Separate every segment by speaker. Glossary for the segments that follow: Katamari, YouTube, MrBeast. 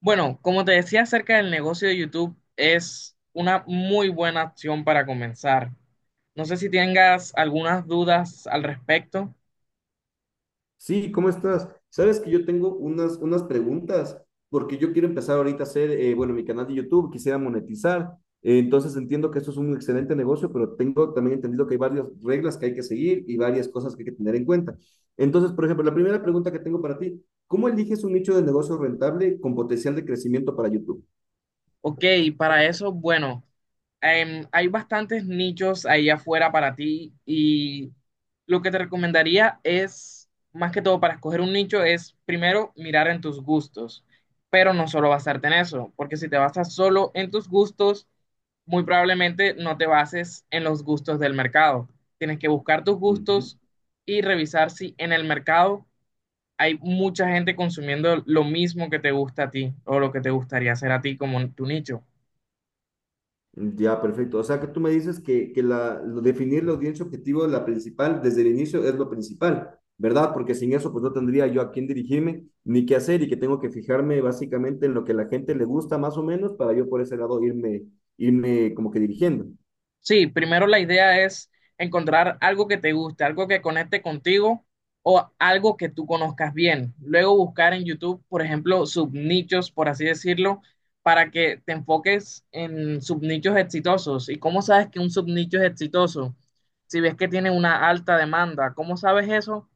Speaker 1: Bueno, como te decía acerca del negocio de YouTube, es una muy buena opción para comenzar. No sé si tengas algunas dudas al respecto.
Speaker 2: Sí, ¿cómo estás? Sabes que yo tengo unas preguntas, porque yo quiero empezar ahorita a hacer, bueno, mi canal de YouTube, quisiera monetizar. Entonces entiendo que esto es un excelente negocio, pero tengo también entendido que hay varias reglas que hay que seguir y varias cosas que hay que tener en cuenta. Entonces, por ejemplo, la primera pregunta que tengo para ti, ¿cómo eliges un nicho de negocio rentable con potencial de crecimiento para YouTube?
Speaker 1: Ok, para eso, bueno, hay bastantes nichos ahí afuera para ti y lo que te recomendaría es, más que todo para escoger un nicho, es primero mirar en tus gustos, pero no solo basarte en eso, porque si te basas solo en tus gustos, muy probablemente no te bases en los gustos del mercado. Tienes que buscar tus
Speaker 2: Ujú.
Speaker 1: gustos y revisar si en el mercado hay mucha gente consumiendo lo mismo que te gusta a ti o lo que te gustaría hacer a ti como tu nicho.
Speaker 2: Ya, perfecto. O sea que tú me dices que definir la audiencia objetivo, la principal, desde el inicio es lo principal, ¿verdad? Porque sin eso, pues no tendría yo a quién dirigirme ni qué hacer, y que tengo que fijarme básicamente en lo que la gente le gusta más o menos para yo por ese lado irme como que dirigiendo.
Speaker 1: Sí, primero la idea es encontrar algo que te guste, algo que conecte contigo o algo que tú conozcas bien. Luego buscar en YouTube, por ejemplo, subnichos, por así decirlo, para que te enfoques en subnichos exitosos. ¿Y cómo sabes que un subnicho es exitoso? Si ves que tiene una alta demanda, ¿cómo sabes eso?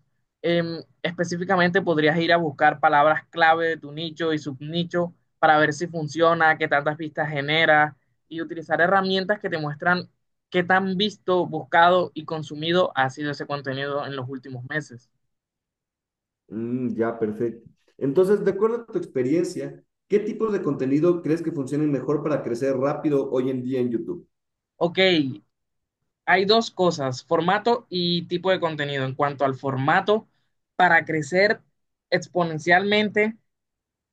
Speaker 1: Específicamente podrías ir a buscar palabras clave de tu nicho y subnicho para ver si funciona, qué tantas vistas genera y utilizar herramientas que te muestran. ¿Qué tan visto, buscado y consumido ha sido ese contenido en los últimos meses?
Speaker 2: Mm, ya, perfecto. Entonces, de acuerdo a tu experiencia, ¿qué tipos de contenido crees que funcionen mejor para crecer rápido hoy en día en YouTube?
Speaker 1: Ok, hay dos cosas, formato y tipo de contenido. En cuanto al formato, para crecer exponencialmente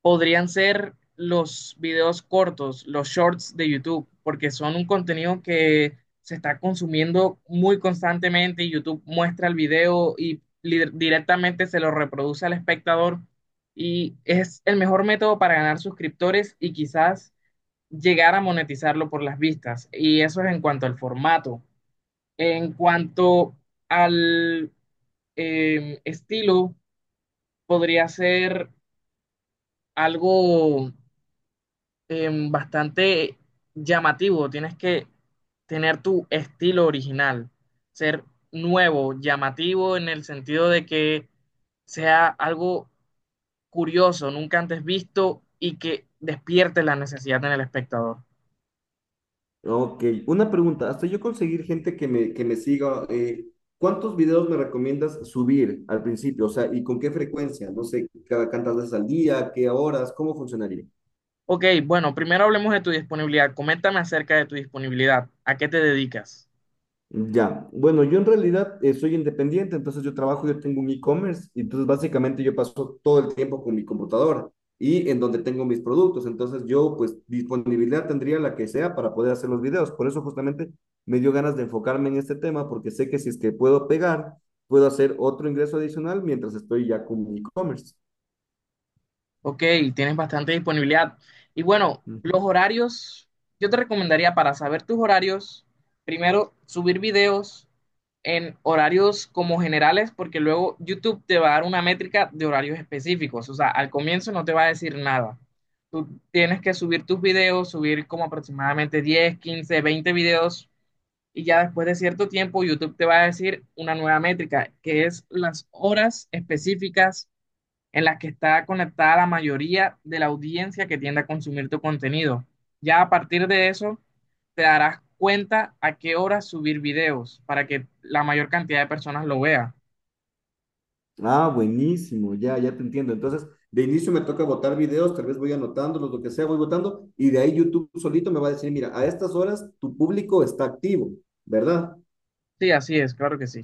Speaker 1: podrían ser los videos cortos, los shorts de YouTube, porque son un contenido que se está consumiendo muy constantemente y YouTube muestra el video y directamente se lo reproduce al espectador y es el mejor método para ganar suscriptores y quizás llegar a monetizarlo por las vistas. Y eso es en cuanto al formato. En cuanto al estilo, podría ser algo bastante llamativo. Tienes que tener tu estilo original, ser nuevo, llamativo en el sentido de que sea algo curioso, nunca antes visto y que despierte la necesidad en el espectador.
Speaker 2: Ok, una pregunta, hasta yo conseguir gente que me siga, ¿cuántos videos me recomiendas subir al principio? O sea, ¿y con qué frecuencia? No sé, cada cuántas veces al día, qué horas, ¿cómo funcionaría?
Speaker 1: Ok, bueno, primero hablemos de tu disponibilidad. Coméntame acerca de tu disponibilidad. ¿A qué te dedicas?
Speaker 2: Ya, bueno, yo en realidad soy independiente, entonces yo trabajo, yo tengo un e-commerce, y entonces básicamente yo paso todo el tiempo con mi computadora y en donde tengo mis productos, entonces yo pues disponibilidad tendría la que sea para poder hacer los videos, por eso justamente me dio ganas de enfocarme en este tema, porque sé que si es que puedo pegar, puedo hacer otro ingreso adicional mientras estoy ya con mi e-commerce.
Speaker 1: Ok, tienes bastante disponibilidad. Y bueno, los horarios, yo te recomendaría para saber tus horarios, primero subir videos en horarios como generales, porque luego YouTube te va a dar una métrica de horarios específicos. O sea, al comienzo no te va a decir nada. Tú tienes que subir tus videos, subir como aproximadamente 10, 15, 20 videos, y ya después de cierto tiempo YouTube te va a decir una nueva métrica, que es las horas específicas en las que está conectada la mayoría de la audiencia que tiende a consumir tu contenido. Ya a partir de eso, te darás cuenta a qué hora subir videos para que la mayor cantidad de personas lo vea.
Speaker 2: Ah, buenísimo, ya, ya te entiendo. Entonces, de inicio me toca botar videos, tal vez voy anotándolos, lo que sea, voy votando, y de ahí YouTube solito me va a decir, mira, a estas horas tu público está activo, ¿verdad?
Speaker 1: Sí, así es, claro que sí.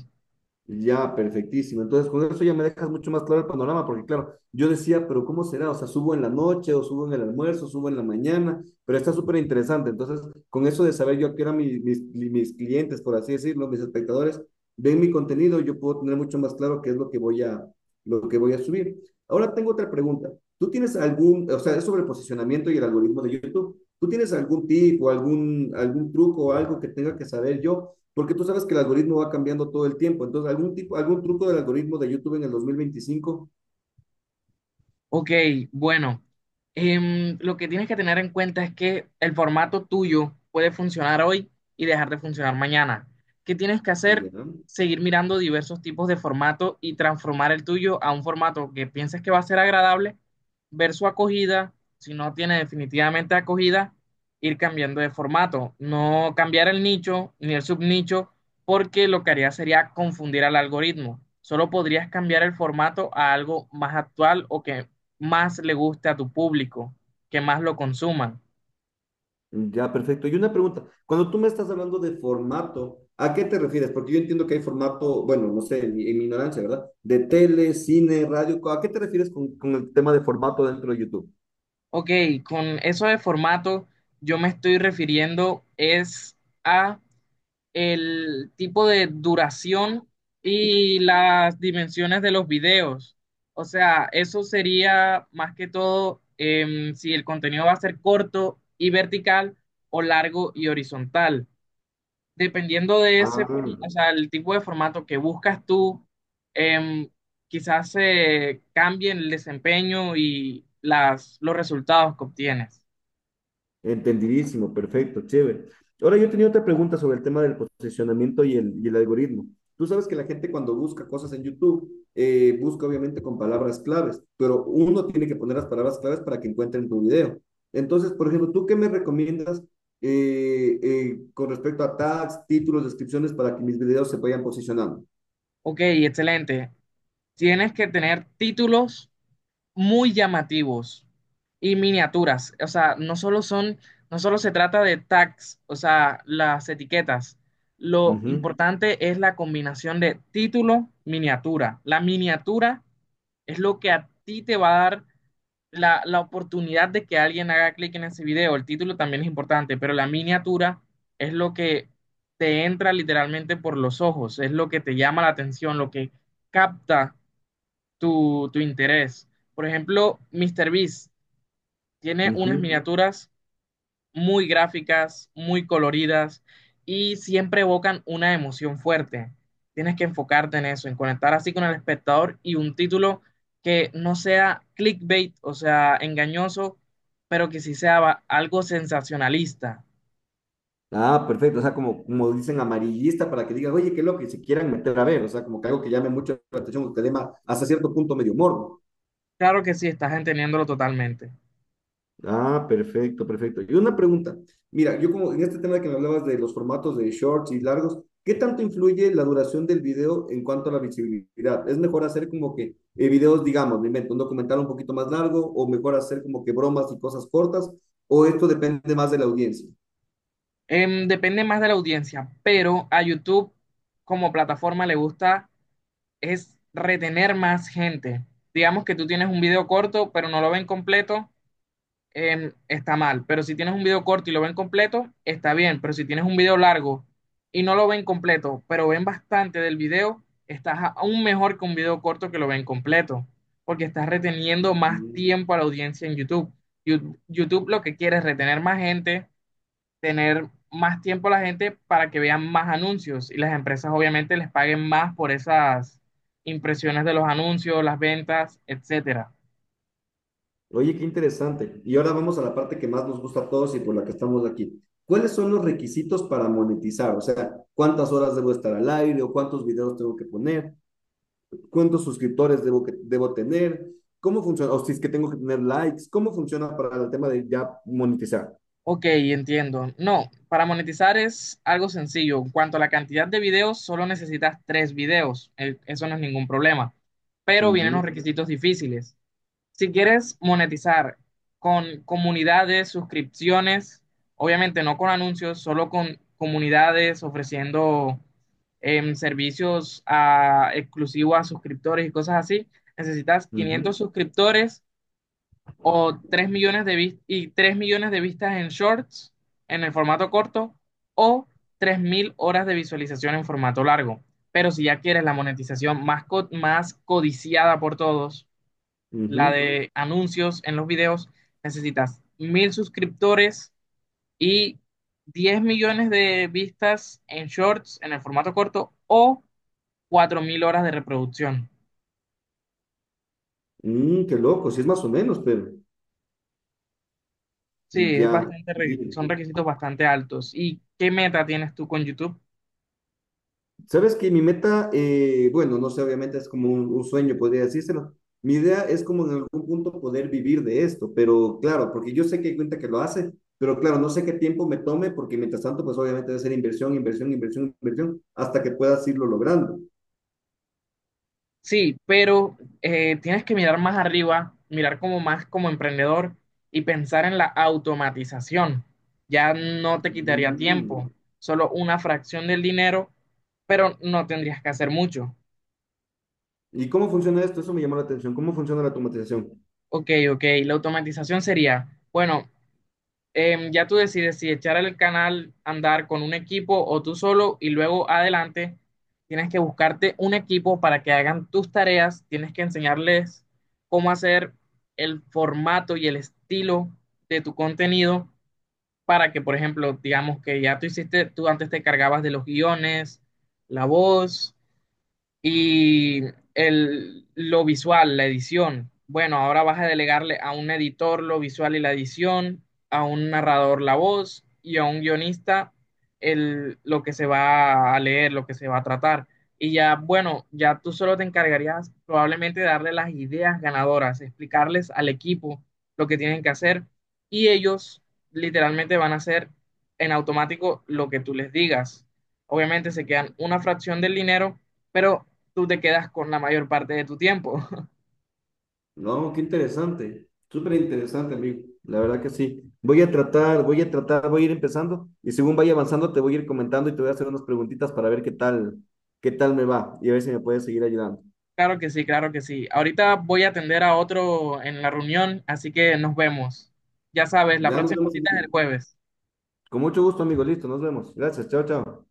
Speaker 2: Ya, perfectísimo. Entonces, con eso ya me dejas mucho más claro el panorama, porque claro, yo decía, pero ¿cómo será? O sea, subo en la noche, o subo en el almuerzo, subo en la mañana, pero está súper interesante. Entonces, con eso de saber yo a qué eran mis clientes, por así decirlo, mis espectadores, ven mi contenido, yo puedo tener mucho más claro qué es lo que voy a subir. Ahora tengo otra pregunta. ¿Tú tienes algún, o sea, es sobre el posicionamiento y el algoritmo de YouTube? ¿Tú tienes algún tip o algún truco o algo que tenga que saber yo, porque tú sabes que el algoritmo va cambiando todo el tiempo? Entonces, algún tipo, algún truco del algoritmo de YouTube en el 2025.
Speaker 1: Ok, bueno, lo que tienes que tener en cuenta es que el formato tuyo puede funcionar hoy y dejar de funcionar mañana. ¿Qué tienes que hacer?
Speaker 2: Ya,
Speaker 1: Seguir mirando diversos tipos de formato y transformar el tuyo a un formato que pienses que va a ser agradable, ver su acogida, si no tiene definitivamente acogida, ir cambiando de formato, no cambiar el nicho ni el subnicho, porque lo que haría sería confundir al algoritmo. Solo podrías cambiar el formato a algo más actual o que más le guste a tu público, que más lo consuman.
Speaker 2: ya, perfecto. Y una pregunta. Cuando tú me estás hablando de formato, ¿a qué te refieres? Porque yo entiendo que hay formato, bueno, no sé, mi en mi ignorancia, ¿verdad? De tele, cine, radio. ¿A qué te refieres con el tema de formato dentro de YouTube?
Speaker 1: Ok, con eso de formato yo me estoy refiriendo es a el tipo de duración y las dimensiones de los videos. O sea, eso sería más que todo si el contenido va a ser corto y vertical o largo y horizontal. Dependiendo de ese,
Speaker 2: Ah,
Speaker 1: o sea, el tipo de formato que buscas tú, em, quizás se cambie el desempeño y los resultados que obtienes.
Speaker 2: entendidísimo, perfecto, chévere. Ahora yo tenía otra pregunta sobre el tema del posicionamiento y el algoritmo. Tú sabes que la gente cuando busca cosas en YouTube, busca obviamente con palabras claves, pero uno tiene que poner las palabras claves para que encuentren tu video. Entonces, por ejemplo, ¿tú qué me recomiendas con respecto a tags, títulos, descripciones para que mis videos se vayan posicionando?
Speaker 1: Ok, excelente. Tienes que tener títulos muy llamativos y miniaturas. O sea, no solo se trata de tags, o sea, las etiquetas. Lo
Speaker 2: Ujú,
Speaker 1: importante es la combinación de título, miniatura. La miniatura es lo que a ti te va a dar la oportunidad de que alguien haga clic en ese video. El título también es importante, pero la miniatura es lo que te entra literalmente por los ojos, es lo que te llama la atención, lo que capta tu interés. Por ejemplo, MrBeast tiene unas
Speaker 2: ujú.
Speaker 1: miniaturas muy gráficas, muy coloridas y siempre evocan una emoción fuerte. Tienes que enfocarte en eso, en conectar así con el espectador y un título que no sea clickbait, o sea, engañoso, pero que sí sea algo sensacionalista.
Speaker 2: Ah, perfecto. O sea, como, como dicen, amarillista, para que digan, oye, qué loco, y se quieran meter a ver. O sea, como que algo que llame mucho la atención, o que dé hasta cierto punto medio morbo.
Speaker 1: Claro que sí, estás entendiéndolo totalmente.
Speaker 2: Ah, perfecto, perfecto. Y una pregunta. Mira, yo como en este tema que me hablabas de los formatos de shorts y largos, ¿qué tanto influye la duración del video en cuanto a la visibilidad? ¿Es mejor hacer como que videos, digamos, me invento, un documental un poquito más largo, o mejor hacer como que bromas y cosas cortas? ¿O esto depende más de la audiencia?
Speaker 1: Depende más de la audiencia, pero a YouTube como plataforma le gusta es retener más gente. Digamos que tú tienes un video corto, pero no lo ven completo, está mal. Pero si tienes un video corto y lo ven completo, está bien. Pero si tienes un video largo y no lo ven completo, pero ven bastante del video, estás aún mejor que un video corto que lo ven completo, porque estás reteniendo más tiempo a la audiencia en YouTube. YouTube lo que quiere es retener más gente, tener más tiempo la gente para que vean más anuncios y las empresas obviamente les paguen más por esas impresiones de los anuncios, las ventas, etcétera.
Speaker 2: Oye, qué interesante. Y ahora vamos a la parte que más nos gusta a todos y por la que estamos aquí. ¿Cuáles son los requisitos para monetizar? O sea, ¿cuántas horas debo estar al aire o cuántos videos tengo que poner? ¿Cuántos suscriptores debo tener? ¿Cómo funciona? O si es que tengo que tener likes, ¿cómo funciona para el tema de ya monetizar?
Speaker 1: Ok, entiendo. No, para monetizar es algo sencillo. En cuanto a la cantidad de videos, solo necesitas tres videos. Eso no es ningún problema. Pero vienen
Speaker 2: Ujú,
Speaker 1: los requisitos difíciles. Si quieres monetizar con comunidades, suscripciones, obviamente no con anuncios, solo con comunidades ofreciendo servicios exclusivos a suscriptores y cosas así, necesitas 500
Speaker 2: ujú,
Speaker 1: suscriptores o 3 millones de vistas en shorts, en el formato corto, o 3.000 horas de visualización en formato largo. Pero si ya quieres la monetización más codiciada por todos, la
Speaker 2: ujú.
Speaker 1: de anuncios en los videos, necesitas 1.000 suscriptores y 10 millones de vistas en shorts, en el formato corto, o 4.000 horas de reproducción.
Speaker 2: Mm, qué loco, sí es más o menos, pero
Speaker 1: Sí, es
Speaker 2: ya,
Speaker 1: bastante, re- son
Speaker 2: entendí.
Speaker 1: requisitos bastante altos. ¿Y qué meta tienes tú con YouTube?
Speaker 2: Sabes que mi meta, bueno, no sé, obviamente es como un sueño, podría decírselo. Mi idea es como en algún punto poder vivir de esto, pero claro, porque yo sé que hay cuenta que lo hace, pero claro, no sé qué tiempo me tome, porque mientras tanto, pues obviamente debe ser inversión, inversión, inversión, inversión, hasta que puedas irlo logrando.
Speaker 1: Sí, pero tienes que mirar más arriba, mirar como más como emprendedor y pensar en la automatización. Ya no te quitaría
Speaker 2: Mm.
Speaker 1: tiempo, solo una fracción del dinero, pero no tendrías que hacer mucho.
Speaker 2: ¿Y cómo funciona esto? Eso me llamó la atención. ¿Cómo funciona la automatización?
Speaker 1: Ok, la automatización sería, bueno, ya tú decides si echar el canal, andar con un equipo o tú solo y luego adelante tienes que buscarte un equipo para que hagan tus tareas, tienes que enseñarles cómo hacer el formato y el estilo de tu contenido para que, por ejemplo, digamos que ya tú hiciste, tú antes te cargabas de los guiones, la voz, y lo visual, la edición. Bueno, ahora vas a delegarle a un editor lo visual y la edición, a un narrador la voz y a un guionista lo que se va a leer, lo que se va a tratar. Y ya, bueno, ya tú solo te encargarías probablemente de darle las ideas ganadoras, explicarles al equipo lo que tienen que hacer y ellos literalmente van a hacer en automático lo que tú les digas. Obviamente se quedan una fracción del dinero, pero tú te quedas con la mayor parte de tu tiempo.
Speaker 2: No, qué interesante, súper interesante, amigo. La verdad que sí. Voy a tratar, voy a ir empezando y según vaya avanzando te voy a ir comentando y te voy a hacer unas preguntitas para ver qué tal me va y a ver si me puedes seguir ayudando.
Speaker 1: Claro que sí, claro que sí. Ahorita voy a atender a otro en la reunión, así que nos vemos. Ya sabes, la
Speaker 2: Ya nos
Speaker 1: próxima
Speaker 2: vemos,
Speaker 1: visita es
Speaker 2: amigo.
Speaker 1: el jueves.
Speaker 2: Con mucho gusto, amigo. Listo, nos vemos. Gracias. Chao, chao.